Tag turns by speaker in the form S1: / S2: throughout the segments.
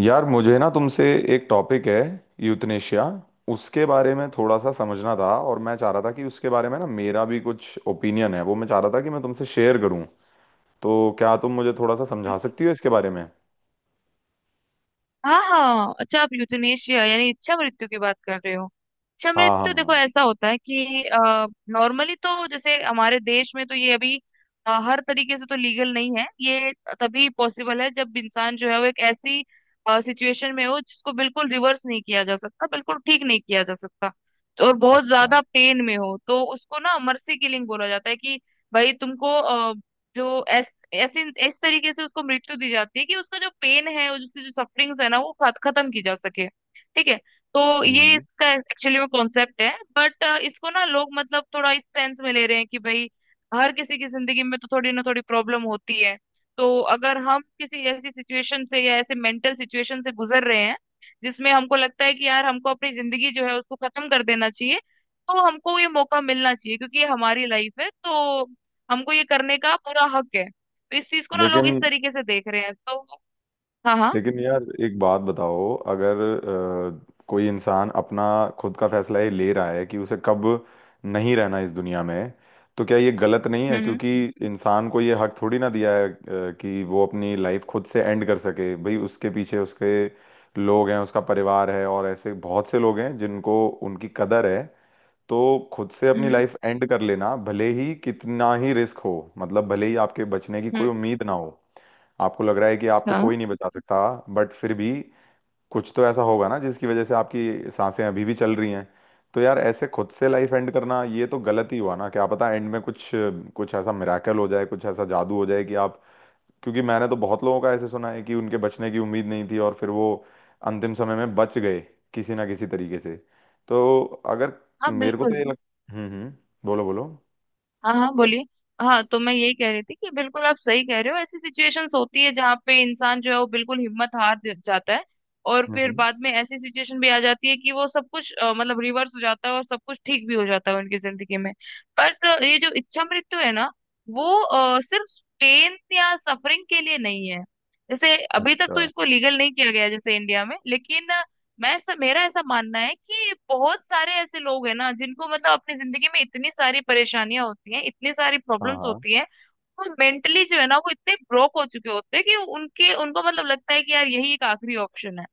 S1: यार, मुझे ना तुमसे एक टॉपिक है। यूथनेशिया, उसके बारे में थोड़ा सा समझना था, और मैं चाह रहा था कि उसके बारे में ना मेरा भी कुछ ओपिनियन है वो मैं चाह रहा था कि मैं तुमसे शेयर करूं। तो क्या तुम मुझे थोड़ा सा समझा सकती हो इसके बारे में?
S2: हाँ हाँ, अच्छा। आप यूथनेशिया यानी इच्छा मृत्यु की बात कर रहे हो। इच्छा
S1: हाँ, हाँ,
S2: मृत्यु, देखो
S1: हाँ।
S2: ऐसा होता है कि नॉर्मली तो जैसे हमारे देश में तो ये अभी हर तरीके से तो लीगल नहीं है ये। तभी पॉसिबल है जब इंसान जो है वो एक ऐसी सिचुएशन में हो जिसको बिल्कुल रिवर्स नहीं किया जा सकता, बिल्कुल ठीक नहीं किया जा सकता, तो और बहुत
S1: अच्छा।
S2: ज्यादा पेन में हो, तो उसको ना मर्सी किलिंग बोला जाता है कि भाई तुमको अ, जो ऐसे इस तरीके से उसको मृत्यु दी जाती है कि उसका जो पेन है और उसकी जो सफरिंग्स है ना वो खत्म की जा सके, ठीक है। तो ये
S1: हम्म।
S2: इसका एक्चुअली में कॉन्सेप्ट है। बट इसको ना लोग मतलब थोड़ा इस सेंस में ले रहे हैं कि भाई हर किसी की जिंदगी में तो थोड़ी ना थोड़ी प्रॉब्लम होती है। तो अगर हम किसी ऐसी सिचुएशन से या ऐसे मेंटल सिचुएशन से गुजर रहे हैं जिसमें हमको लगता है कि यार हमको अपनी जिंदगी जो है उसको खत्म कर देना चाहिए, तो हमको ये मौका मिलना चाहिए, क्योंकि ये हमारी लाइफ है तो हमको ये करने का पूरा हक है। तो इस चीज को ना लोग इस
S1: लेकिन
S2: तरीके से देख रहे हैं तो। हाँ हाँ।
S1: लेकिन यार, एक बात बताओ, अगर कोई इंसान अपना खुद का फैसला ये ले रहा है कि उसे कब नहीं रहना इस दुनिया में, तो क्या ये गलत नहीं है?
S2: हम्म
S1: क्योंकि इंसान को ये हक थोड़ी ना दिया है कि वो अपनी लाइफ खुद से एंड कर सके। भाई, उसके पीछे उसके लोग हैं, उसका परिवार है, और ऐसे बहुत से लोग हैं जिनको उनकी कदर है। तो खुद से अपनी
S2: हम्म।
S1: लाइफ एंड कर लेना, भले ही कितना ही रिस्क हो, मतलब भले ही आपके बचने की कोई
S2: हम्म।
S1: उम्मीद ना हो, आपको लग रहा है कि आपको
S2: हाँ
S1: कोई नहीं बचा सकता, बट फिर भी कुछ तो ऐसा होगा ना जिसकी वजह से आपकी सांसें अभी भी चल रही हैं। तो यार, ऐसे खुद से लाइफ एंड करना ये तो गलत ही हुआ ना? क्या पता एंड में कुछ कुछ ऐसा मिराकल हो जाए, कुछ ऐसा जादू हो जाए कि आप। क्योंकि मैंने तो बहुत लोगों का ऐसे सुना है कि उनके बचने की उम्मीद नहीं थी और फिर वो अंतिम समय में बच गए, किसी ना किसी तरीके से। तो अगर
S2: हाँ
S1: मेरे को तो
S2: बिल्कुल।
S1: ये लग। हम्म, हम्म। बोलो, बोलो।
S2: हाँ हाँ, बोलिए। हाँ तो मैं यही कह रही थी कि बिल्कुल आप सही कह रहे हो। ऐसी सिचुएशंस होती है जहाँ पे इंसान जो है वो बिल्कुल हिम्मत हार जाता है। और फिर
S1: हम्म।
S2: बाद में ऐसी सिचुएशन भी आ जाती है कि वो सब कुछ मतलब रिवर्स हो जाता है और सब कुछ ठीक भी हो जाता है उनकी जिंदगी में। बट ये जो इच्छा मृत्यु है ना वो सिर्फ पेन या सफरिंग के लिए नहीं है। जैसे अभी तक तो
S1: अच्छा।
S2: इसको लीगल नहीं किया गया है जैसे इंडिया में, लेकिन मैं ऐसा मेरा ऐसा मानना है कि बहुत सारे ऐसे लोग हैं ना जिनको मतलब अपनी जिंदगी में इतनी सारी परेशानियां होती हैं, इतनी सारी
S1: हाँ,
S2: प्रॉब्लम्स
S1: हाँ।
S2: होती हैं। वो मेंटली जो है ना वो इतने ब्रोक हो चुके होते हैं कि उनके उनको मतलब लगता है कि यार यही एक आखिरी ऑप्शन है।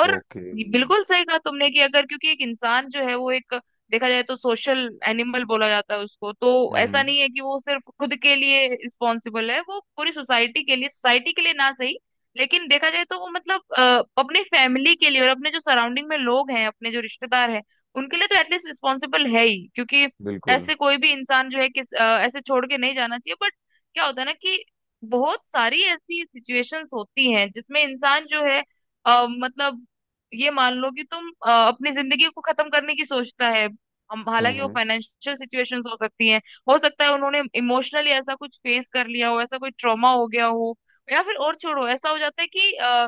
S2: और
S1: ओके।
S2: बिल्कुल सही कहा तुमने कि अगर, क्योंकि एक इंसान जो है वो एक, देखा जाए तो सोशल एनिमल बोला जाता है उसको तो। ऐसा
S1: हम्म।
S2: नहीं है कि वो सिर्फ खुद के लिए रिस्पॉन्सिबल है, वो पूरी सोसाइटी के लिए ना सही लेकिन देखा जाए तो वो मतलब अपने फैमिली के लिए और अपने जो सराउंडिंग में लोग हैं, अपने जो रिश्तेदार हैं, उनके लिए तो एटलीस्ट रिस्पॉन्सिबल है ही, क्योंकि
S1: बिल्कुल।
S2: ऐसे कोई भी इंसान जो है ऐसे छोड़ के नहीं जाना चाहिए। बट क्या होता है ना कि बहुत सारी ऐसी सिचुएशंस होती हैं जिसमें इंसान जो है मतलब ये मान लो कि तुम अपनी जिंदगी को खत्म करने की सोचता है। हम हालांकि वो
S1: हम्म।
S2: फाइनेंशियल सिचुएशंस हो सकती हैं, हो सकता है उन्होंने इमोशनली ऐसा कुछ फेस कर लिया हो, ऐसा कोई ट्रॉमा हो गया हो, या फिर और छोड़ो ऐसा हो जाता है कि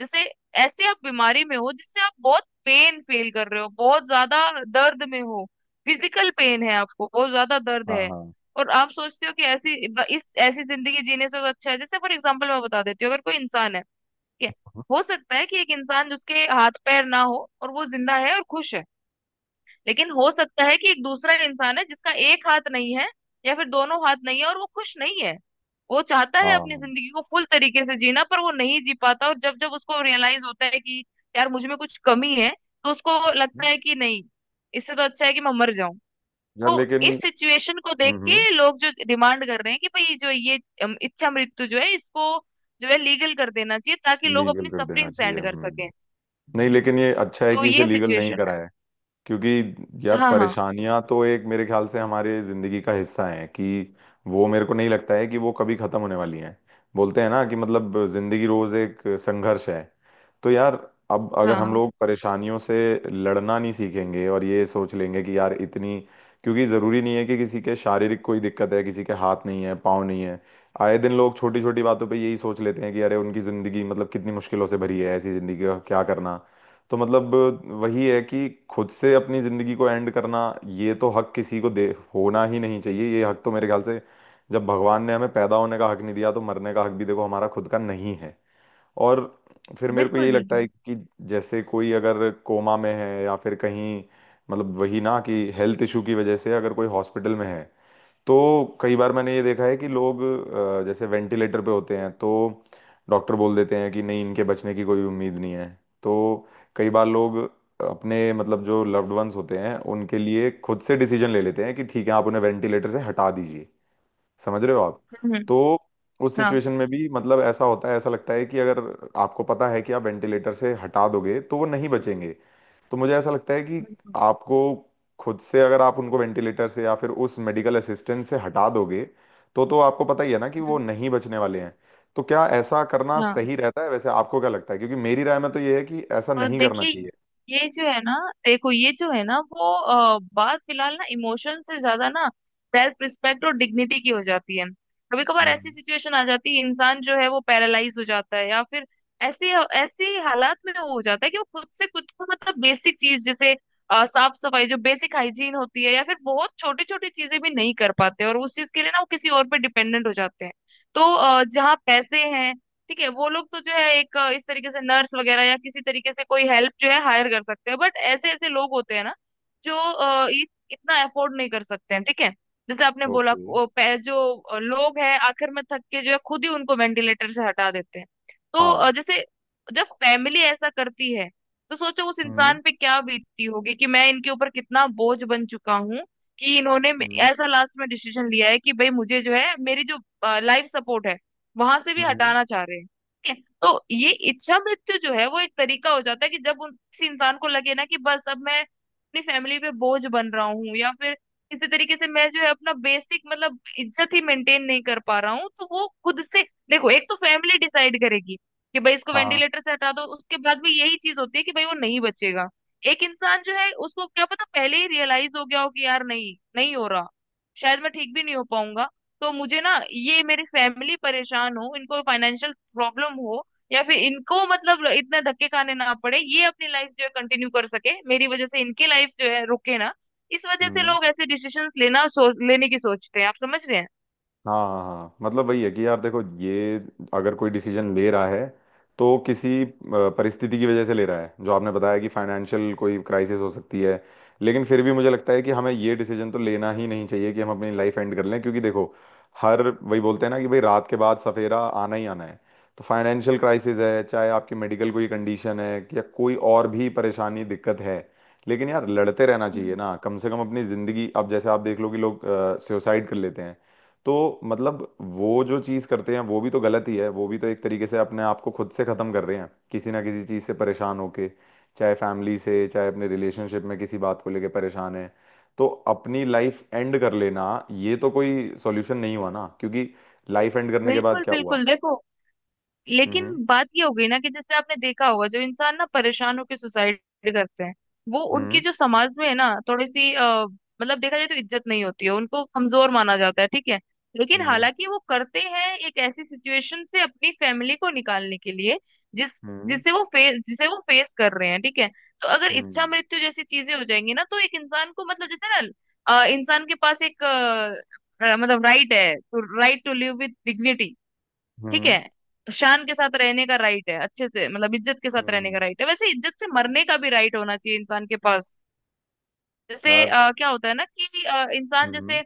S2: जैसे ऐसे आप बीमारी में हो जिससे आप बहुत पेन फील कर रहे हो, बहुत ज्यादा दर्द में हो, फिजिकल पेन है आपको, बहुत ज्यादा दर्द
S1: हाँ,
S2: है,
S1: हाँ,
S2: और आप सोचते हो कि ऐसी इस ऐसी जिंदगी जीने से तो अच्छा है, जैसे फॉर एग्जांपल मैं बता देती हूँ, अगर कोई इंसान है। हो सकता है कि एक इंसान जिसके हाथ पैर ना हो और वो जिंदा है और खुश है। लेकिन हो सकता है कि एक दूसरा इंसान है जिसका एक हाथ नहीं है, या फिर दोनों हाथ नहीं है और वो खुश नहीं है। वो चाहता है अपनी
S1: हाँ।
S2: जिंदगी को फुल तरीके से जीना पर वो नहीं जी पाता, और जब जब उसको रियलाइज होता है कि यार मुझ में कुछ कमी है, तो उसको लगता है कि नहीं, इससे तो अच्छा है कि मैं मर जाऊं।
S1: यार,
S2: तो
S1: लेकिन।
S2: इस सिचुएशन को देख
S1: हम्म।
S2: के लोग जो डिमांड कर रहे हैं कि भाई जो ये इच्छा मृत्यु जो है इसको जो है लीगल कर देना चाहिए ताकि लोग
S1: लीगल
S2: अपनी
S1: कर देना
S2: सफरिंग
S1: चाहिए।
S2: एंड कर सकें।
S1: हम्म। नहीं, लेकिन ये अच्छा है
S2: तो
S1: कि इसे
S2: ये
S1: लीगल नहीं
S2: सिचुएशन है।
S1: कराया। क्योंकि यार,
S2: हाँ हाँ।
S1: परेशानियां तो एक मेरे ख्याल से हमारे जिंदगी का हिस्सा है, कि वो मेरे को नहीं लगता है कि वो कभी खत्म होने वाली हैं। बोलते हैं ना कि मतलब जिंदगी रोज एक संघर्ष है। तो यार, अब अगर
S2: हाँ
S1: हम
S2: हाँ
S1: लोग परेशानियों से लड़ना नहीं सीखेंगे और ये सोच लेंगे कि यार इतनी। क्योंकि ज़रूरी नहीं है कि किसी के शारीरिक कोई दिक्कत है, किसी के हाथ नहीं है, पाँव नहीं है। आए दिन लोग छोटी छोटी बातों पे यही सोच लेते हैं कि अरे, उनकी ज़िंदगी मतलब कितनी मुश्किलों से भरी है, ऐसी ज़िंदगी का क्या करना। तो मतलब वही है कि खुद से अपनी जिंदगी को एंड करना, ये तो हक किसी को दे होना ही नहीं चाहिए। ये हक तो मेरे ख्याल से, जब भगवान ने हमें पैदा होने का हक नहीं दिया, तो मरने का हक भी देखो हमारा खुद का नहीं है। और फिर मेरे को यही
S2: बिल्कुल।
S1: लगता
S2: बिल्कुल।
S1: है कि जैसे कोई अगर कोमा में है, या फिर कहीं मतलब वही ना कि हेल्थ इशू की वजह से अगर कोई हॉस्पिटल में है। तो कई बार मैंने ये देखा है कि लोग जैसे वेंटिलेटर पे होते हैं तो डॉक्टर बोल देते हैं कि नहीं, इनके बचने की कोई उम्मीद नहीं है। तो कई बार लोग अपने, मतलब जो लव्ड वंस होते हैं, उनके लिए खुद से डिसीजन ले लेते हैं कि ठीक है, आप उन्हें वेंटिलेटर से हटा दीजिए। समझ रहे हो आप?
S2: हम्म।
S1: तो उस
S2: हाँ
S1: सिचुएशन में भी मतलब ऐसा होता है, ऐसा लगता है कि अगर आपको पता है कि आप वेंटिलेटर से हटा दोगे तो वो नहीं बचेंगे। तो मुझे ऐसा लगता है कि
S2: बिल्कुल।
S1: आपको, खुद से अगर आप उनको वेंटिलेटर से या फिर उस मेडिकल असिस्टेंस से हटा दोगे, तो आपको पता ही है ना कि वो
S2: हम्म।
S1: नहीं बचने वाले हैं। तो क्या ऐसा करना
S2: हाँ,
S1: सही रहता है वैसे? आपको क्या लगता है? क्योंकि मेरी राय में तो ये है कि ऐसा
S2: और
S1: नहीं करना
S2: देखिए
S1: चाहिए।
S2: ये जो है ना देखो ये जो है ना, वो बात फिलहाल ना इमोशन से ज्यादा ना सेल्फ रिस्पेक्ट और डिग्निटी की हो जाती है। कभी कभार ऐसी
S1: हम्म।
S2: सिचुएशन आ जाती है, इंसान जो है वो पैरालाइज हो जाता है, या फिर ऐसी ऐसी हालात में वो हो जाता है कि वो खुद से खुद को मतलब बेसिक चीज जैसे साफ सफाई जो बेसिक हाइजीन होती है या फिर बहुत छोटी छोटी चीजें भी नहीं कर पाते, और उस चीज के लिए ना वो किसी और पे डिपेंडेंट हो जाते हैं। तो जहाँ पैसे हैं, ठीक है, वो लोग तो जो है एक इस तरीके से नर्स वगैरह या किसी तरीके से कोई हेल्प जो है हायर कर सकते हैं। बट ऐसे ऐसे लोग होते हैं ना जो इतना अफोर्ड नहीं कर सकते हैं, ठीक है। जैसे आपने बोला
S1: ओके।
S2: जो लोग हैं आखिर में थक के जो है खुद ही उनको वेंटिलेटर से हटा देते हैं। तो
S1: हाँ।
S2: जैसे जब फैमिली ऐसा करती है, तो सोचो उस
S1: हम्म,
S2: इंसान पे क्या बीतती होगी कि मैं इनके ऊपर कितना बोझ बन चुका हूँ, कि इन्होंने
S1: हम्म,
S2: ऐसा लास्ट में डिसीजन लिया है कि भाई मुझे जो है मेरी जो लाइफ सपोर्ट है वहां से भी
S1: हम्म।
S2: हटाना चाह रहे हैं। ठीक है, तो ये इच्छा मृत्यु जो है वो एक तरीका हो जाता है कि जब उन किसी इंसान को लगे ना कि बस अब मैं अपनी फैमिली पे बोझ बन रहा हूँ, या फिर किसी तरीके से मैं जो है अपना बेसिक मतलब इज्जत ही मेंटेन नहीं कर पा रहा हूँ, तो वो खुद से। देखो, एक तो फैमिली डिसाइड करेगी कि भाई इसको
S1: हाँ।
S2: वेंटिलेटर से हटा दो, उसके बाद भी यही चीज होती है कि भाई वो नहीं बचेगा। एक इंसान जो है उसको क्या पता पहले ही रियलाइज हो गया हो कि यार नहीं, नहीं हो रहा, शायद मैं ठीक भी नहीं हो पाऊंगा, तो मुझे ना ये मेरी फैमिली परेशान हो, इनको फाइनेंशियल प्रॉब्लम हो, या फिर इनको मतलब इतने धक्के खाने ना पड़े, ये अपनी लाइफ जो है कंटिन्यू कर सके, मेरी वजह से इनकी लाइफ जो है रुके ना, इस वजह से
S1: हम्म।
S2: लोग ऐसे डिसीजंस लेने की सोचते हैं। आप समझ रहे हैं।
S1: हाँ, हाँ, हाँ। मतलब वही है कि यार देखो, ये अगर कोई डिसीजन ले रहा है तो किसी परिस्थिति की वजह से ले रहा है, जो आपने बताया कि फाइनेंशियल कोई क्राइसिस हो सकती है। लेकिन फिर भी मुझे लगता है कि हमें ये डिसीजन तो लेना ही नहीं चाहिए कि हम अपनी लाइफ एंड कर लें, क्योंकि देखो, हर वही बोलते हैं ना कि भाई रात के बाद सफेरा आना ही आना है। तो फाइनेंशियल क्राइसिस है, चाहे आपकी मेडिकल कोई कंडीशन है, या कोई और भी परेशानी, दिक्कत है, लेकिन यार लड़ते रहना चाहिए
S2: हम्म।
S1: ना, कम से कम अपनी ज़िंदगी। अब जैसे आप देख लो कि लोग सुसाइड कर लेते हैं, तो मतलब वो जो चीज़ करते हैं वो भी तो गलत ही है, वो भी तो एक तरीके से अपने आप को खुद से ख़त्म कर रहे हैं, किसी ना किसी चीज़ से परेशान होके। चाहे फैमिली से, चाहे अपने रिलेशनशिप में किसी बात को लेके परेशान है। तो अपनी लाइफ एंड कर लेना ये तो कोई सॉल्यूशन नहीं हुआ ना? क्योंकि लाइफ एंड करने के बाद
S2: बिल्कुल
S1: क्या हुआ?
S2: बिल्कुल। देखो, लेकिन
S1: हम्म,
S2: बात ये हो गई ना कि जैसे आपने देखा होगा जो इंसान ना परेशान होकर सुसाइड करते हैं वो, उनकी
S1: हम्म,
S2: जो समाज में है ना थोड़ी सी मतलब देखा जाए तो इज्जत नहीं होती है, उनको कमजोर माना जाता है, ठीक है। लेकिन
S1: हम्म,
S2: हालांकि वो करते हैं एक ऐसी सिचुएशन से अपनी फैमिली को निकालने के लिए जिस
S1: हम्म,
S2: जिसे वो फेस कर रहे हैं, ठीक है। तो अगर इच्छा
S1: हम्म,
S2: मृत्यु जैसी चीजें हो जाएंगी ना तो एक इंसान को मतलब जैसे ना इंसान के पास एक मतलब राइट है तो right to live with dignity, ठीक है।
S1: हम्म,
S2: शान के साथ रहने का राइट है, अच्छे से मतलब इज्जत के
S1: हम्म,
S2: साथ रहने का
S1: हम्म।
S2: राइट है, वैसे इज्जत से मरने का भी राइट होना चाहिए इंसान के पास। जैसे
S1: यार।
S2: क्या होता है ना कि इंसान
S1: हम्म,
S2: जैसे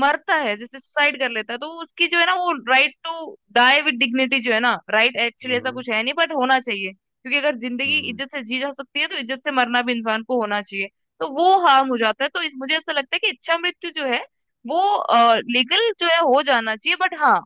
S2: मरता है, जैसे सुसाइड कर लेता है, तो उसकी जो है ना वो right to die with dignity जो है ना राइट एक्चुअली
S1: हम्म,
S2: ऐसा
S1: हम्म,
S2: कुछ है नहीं, बट होना चाहिए, क्योंकि अगर जिंदगी
S1: हम्म।
S2: इज्जत से जी जा सकती है तो इज्जत से मरना भी इंसान को होना चाहिए। तो वो हार्म हो जाता है, तो इस मुझे ऐसा लगता है कि इच्छा मृत्यु जो है वो लीगल जो है हो जाना चाहिए, बट हाँ,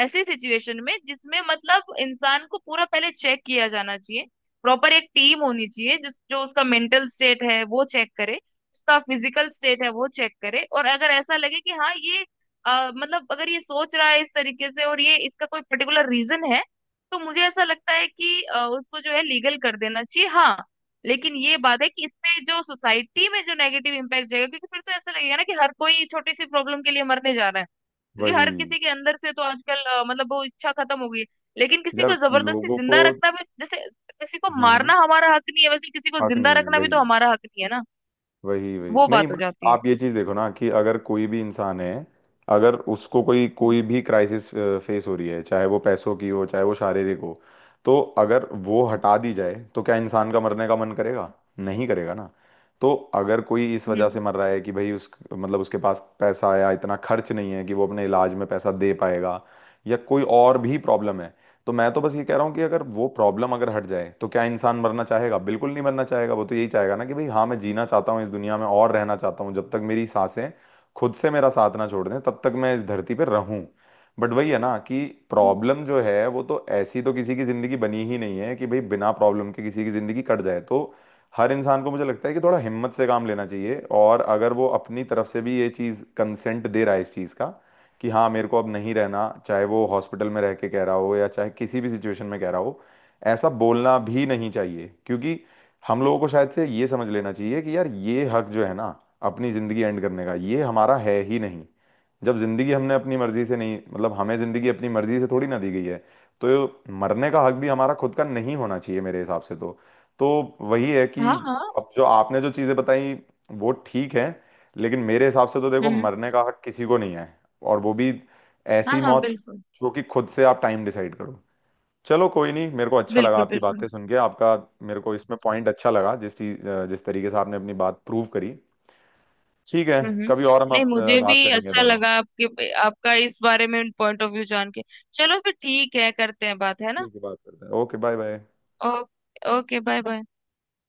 S2: ऐसी सिचुएशन में जिसमें मतलब इंसान को पूरा पहले चेक किया जाना चाहिए। प्रॉपर एक टीम होनी चाहिए जिस जो उसका मेंटल स्टेट है वो चेक करे, उसका फिजिकल स्टेट है वो चेक करे, और अगर ऐसा लगे कि हाँ ये मतलब अगर ये सोच रहा है इस तरीके से और ये इसका कोई पर्टिकुलर रीजन है, तो मुझे ऐसा लगता है कि उसको जो है लीगल कर देना चाहिए, हाँ। लेकिन ये बात है कि इससे जो सोसाइटी में जो नेगेटिव इम्पैक्ट जाएगा, क्योंकि फिर तो ऐसा लगेगा ना कि हर कोई छोटी सी प्रॉब्लम के लिए मरने जा रहा है, क्योंकि हर
S1: वही।
S2: किसी के अंदर से तो आजकल मतलब वो इच्छा खत्म हो गई है। लेकिन किसी
S1: यार,
S2: को जबरदस्ती
S1: लोगों को।
S2: जिंदा रखना भी, जैसे किसी को
S1: हम्म, हम्म।
S2: मारना हमारा हक नहीं है, वैसे किसी को
S1: हक
S2: जिंदा
S1: नहीं है।
S2: रखना भी
S1: वही,
S2: तो हमारा हक नहीं है ना,
S1: वही। वही
S2: वो
S1: नहीं,
S2: बात हो
S1: बट
S2: जाती है।
S1: आप ये चीज देखो ना कि अगर कोई भी इंसान है, अगर उसको कोई
S2: हम्म।
S1: कोई भी क्राइसिस फेस हो रही है, चाहे वो पैसों की हो, चाहे वो शारीरिक हो, तो अगर वो हटा दी जाए तो क्या इंसान का मरने का मन करेगा? नहीं करेगा ना। तो अगर कोई इस वजह से
S2: हम्म
S1: मर रहा है कि भाई, उस मतलब उसके पास पैसा या इतना खर्च नहीं है कि वो अपने इलाज में पैसा दे पाएगा, या कोई और भी प्रॉब्लम है, तो मैं तो बस ये कह रहा हूँ कि अगर वो प्रॉब्लम अगर हट जाए तो क्या इंसान मरना चाहेगा? बिल्कुल नहीं मरना चाहेगा। वो तो यही चाहेगा ना कि भाई हाँ, मैं जीना चाहता हूँ इस दुनिया में और रहना चाहता हूँ जब तक मेरी सांसें खुद से मेरा साथ ना छोड़ दें, तब तक मैं इस धरती पर रहूं। बट वही है ना कि
S2: हम्म।
S1: प्रॉब्लम जो है वो तो ऐसी तो किसी की जिंदगी बनी ही नहीं है कि भाई बिना प्रॉब्लम के किसी की जिंदगी कट जाए, तो हर इंसान को मुझे लगता है कि थोड़ा हिम्मत से काम लेना चाहिए। और अगर वो अपनी तरफ से भी ये चीज़ कंसेंट दे रहा है इस चीज़ का कि हाँ मेरे को अब नहीं रहना, चाहे वो हॉस्पिटल में रह के कह रहा हो या चाहे किसी भी सिचुएशन में कह रहा हो, ऐसा बोलना भी नहीं चाहिए। क्योंकि हम लोगों को शायद से ये समझ लेना चाहिए कि यार, ये हक जो है ना अपनी ज़िंदगी एंड करने का, ये हमारा है ही नहीं। जब ज़िंदगी हमने अपनी मर्ज़ी से नहीं, मतलब हमें ज़िंदगी अपनी मर्ज़ी से थोड़ी ना दी गई है, तो मरने का हक भी हमारा खुद का नहीं होना चाहिए मेरे हिसाब से तो। तो वही है कि
S2: हाँ हाँ।
S1: अब जो आपने जो चीज़ें बताई वो ठीक है, लेकिन मेरे हिसाब से तो देखो,
S2: हम्म।
S1: मरने का हक किसी को नहीं है, और वो भी ऐसी
S2: हाँ हाँ
S1: मौत
S2: बिल्कुल
S1: जो कि खुद से आप टाइम डिसाइड करो। चलो, कोई नहीं, मेरे को अच्छा लगा
S2: बिल्कुल
S1: आपकी
S2: बिल्कुल।
S1: बातें सुन के। आपका, मेरे को इसमें पॉइंट अच्छा लगा, जिस चीज, जिस तरीके से आपने अपनी बात प्रूव करी। ठीक है।
S2: हम्म
S1: कभी और हम
S2: हम्म। नहीं,
S1: आप
S2: मुझे भी
S1: बात करेंगे
S2: अच्छा
S1: दोनों।
S2: लगा आपके आपका इस बारे में पॉइंट ऑफ व्यू जान के। चलो फिर ठीक है, करते हैं बात, है ना।
S1: ठीक है, बात करते हैं। Okay, bye bye.
S2: Oh, okay, bye bye.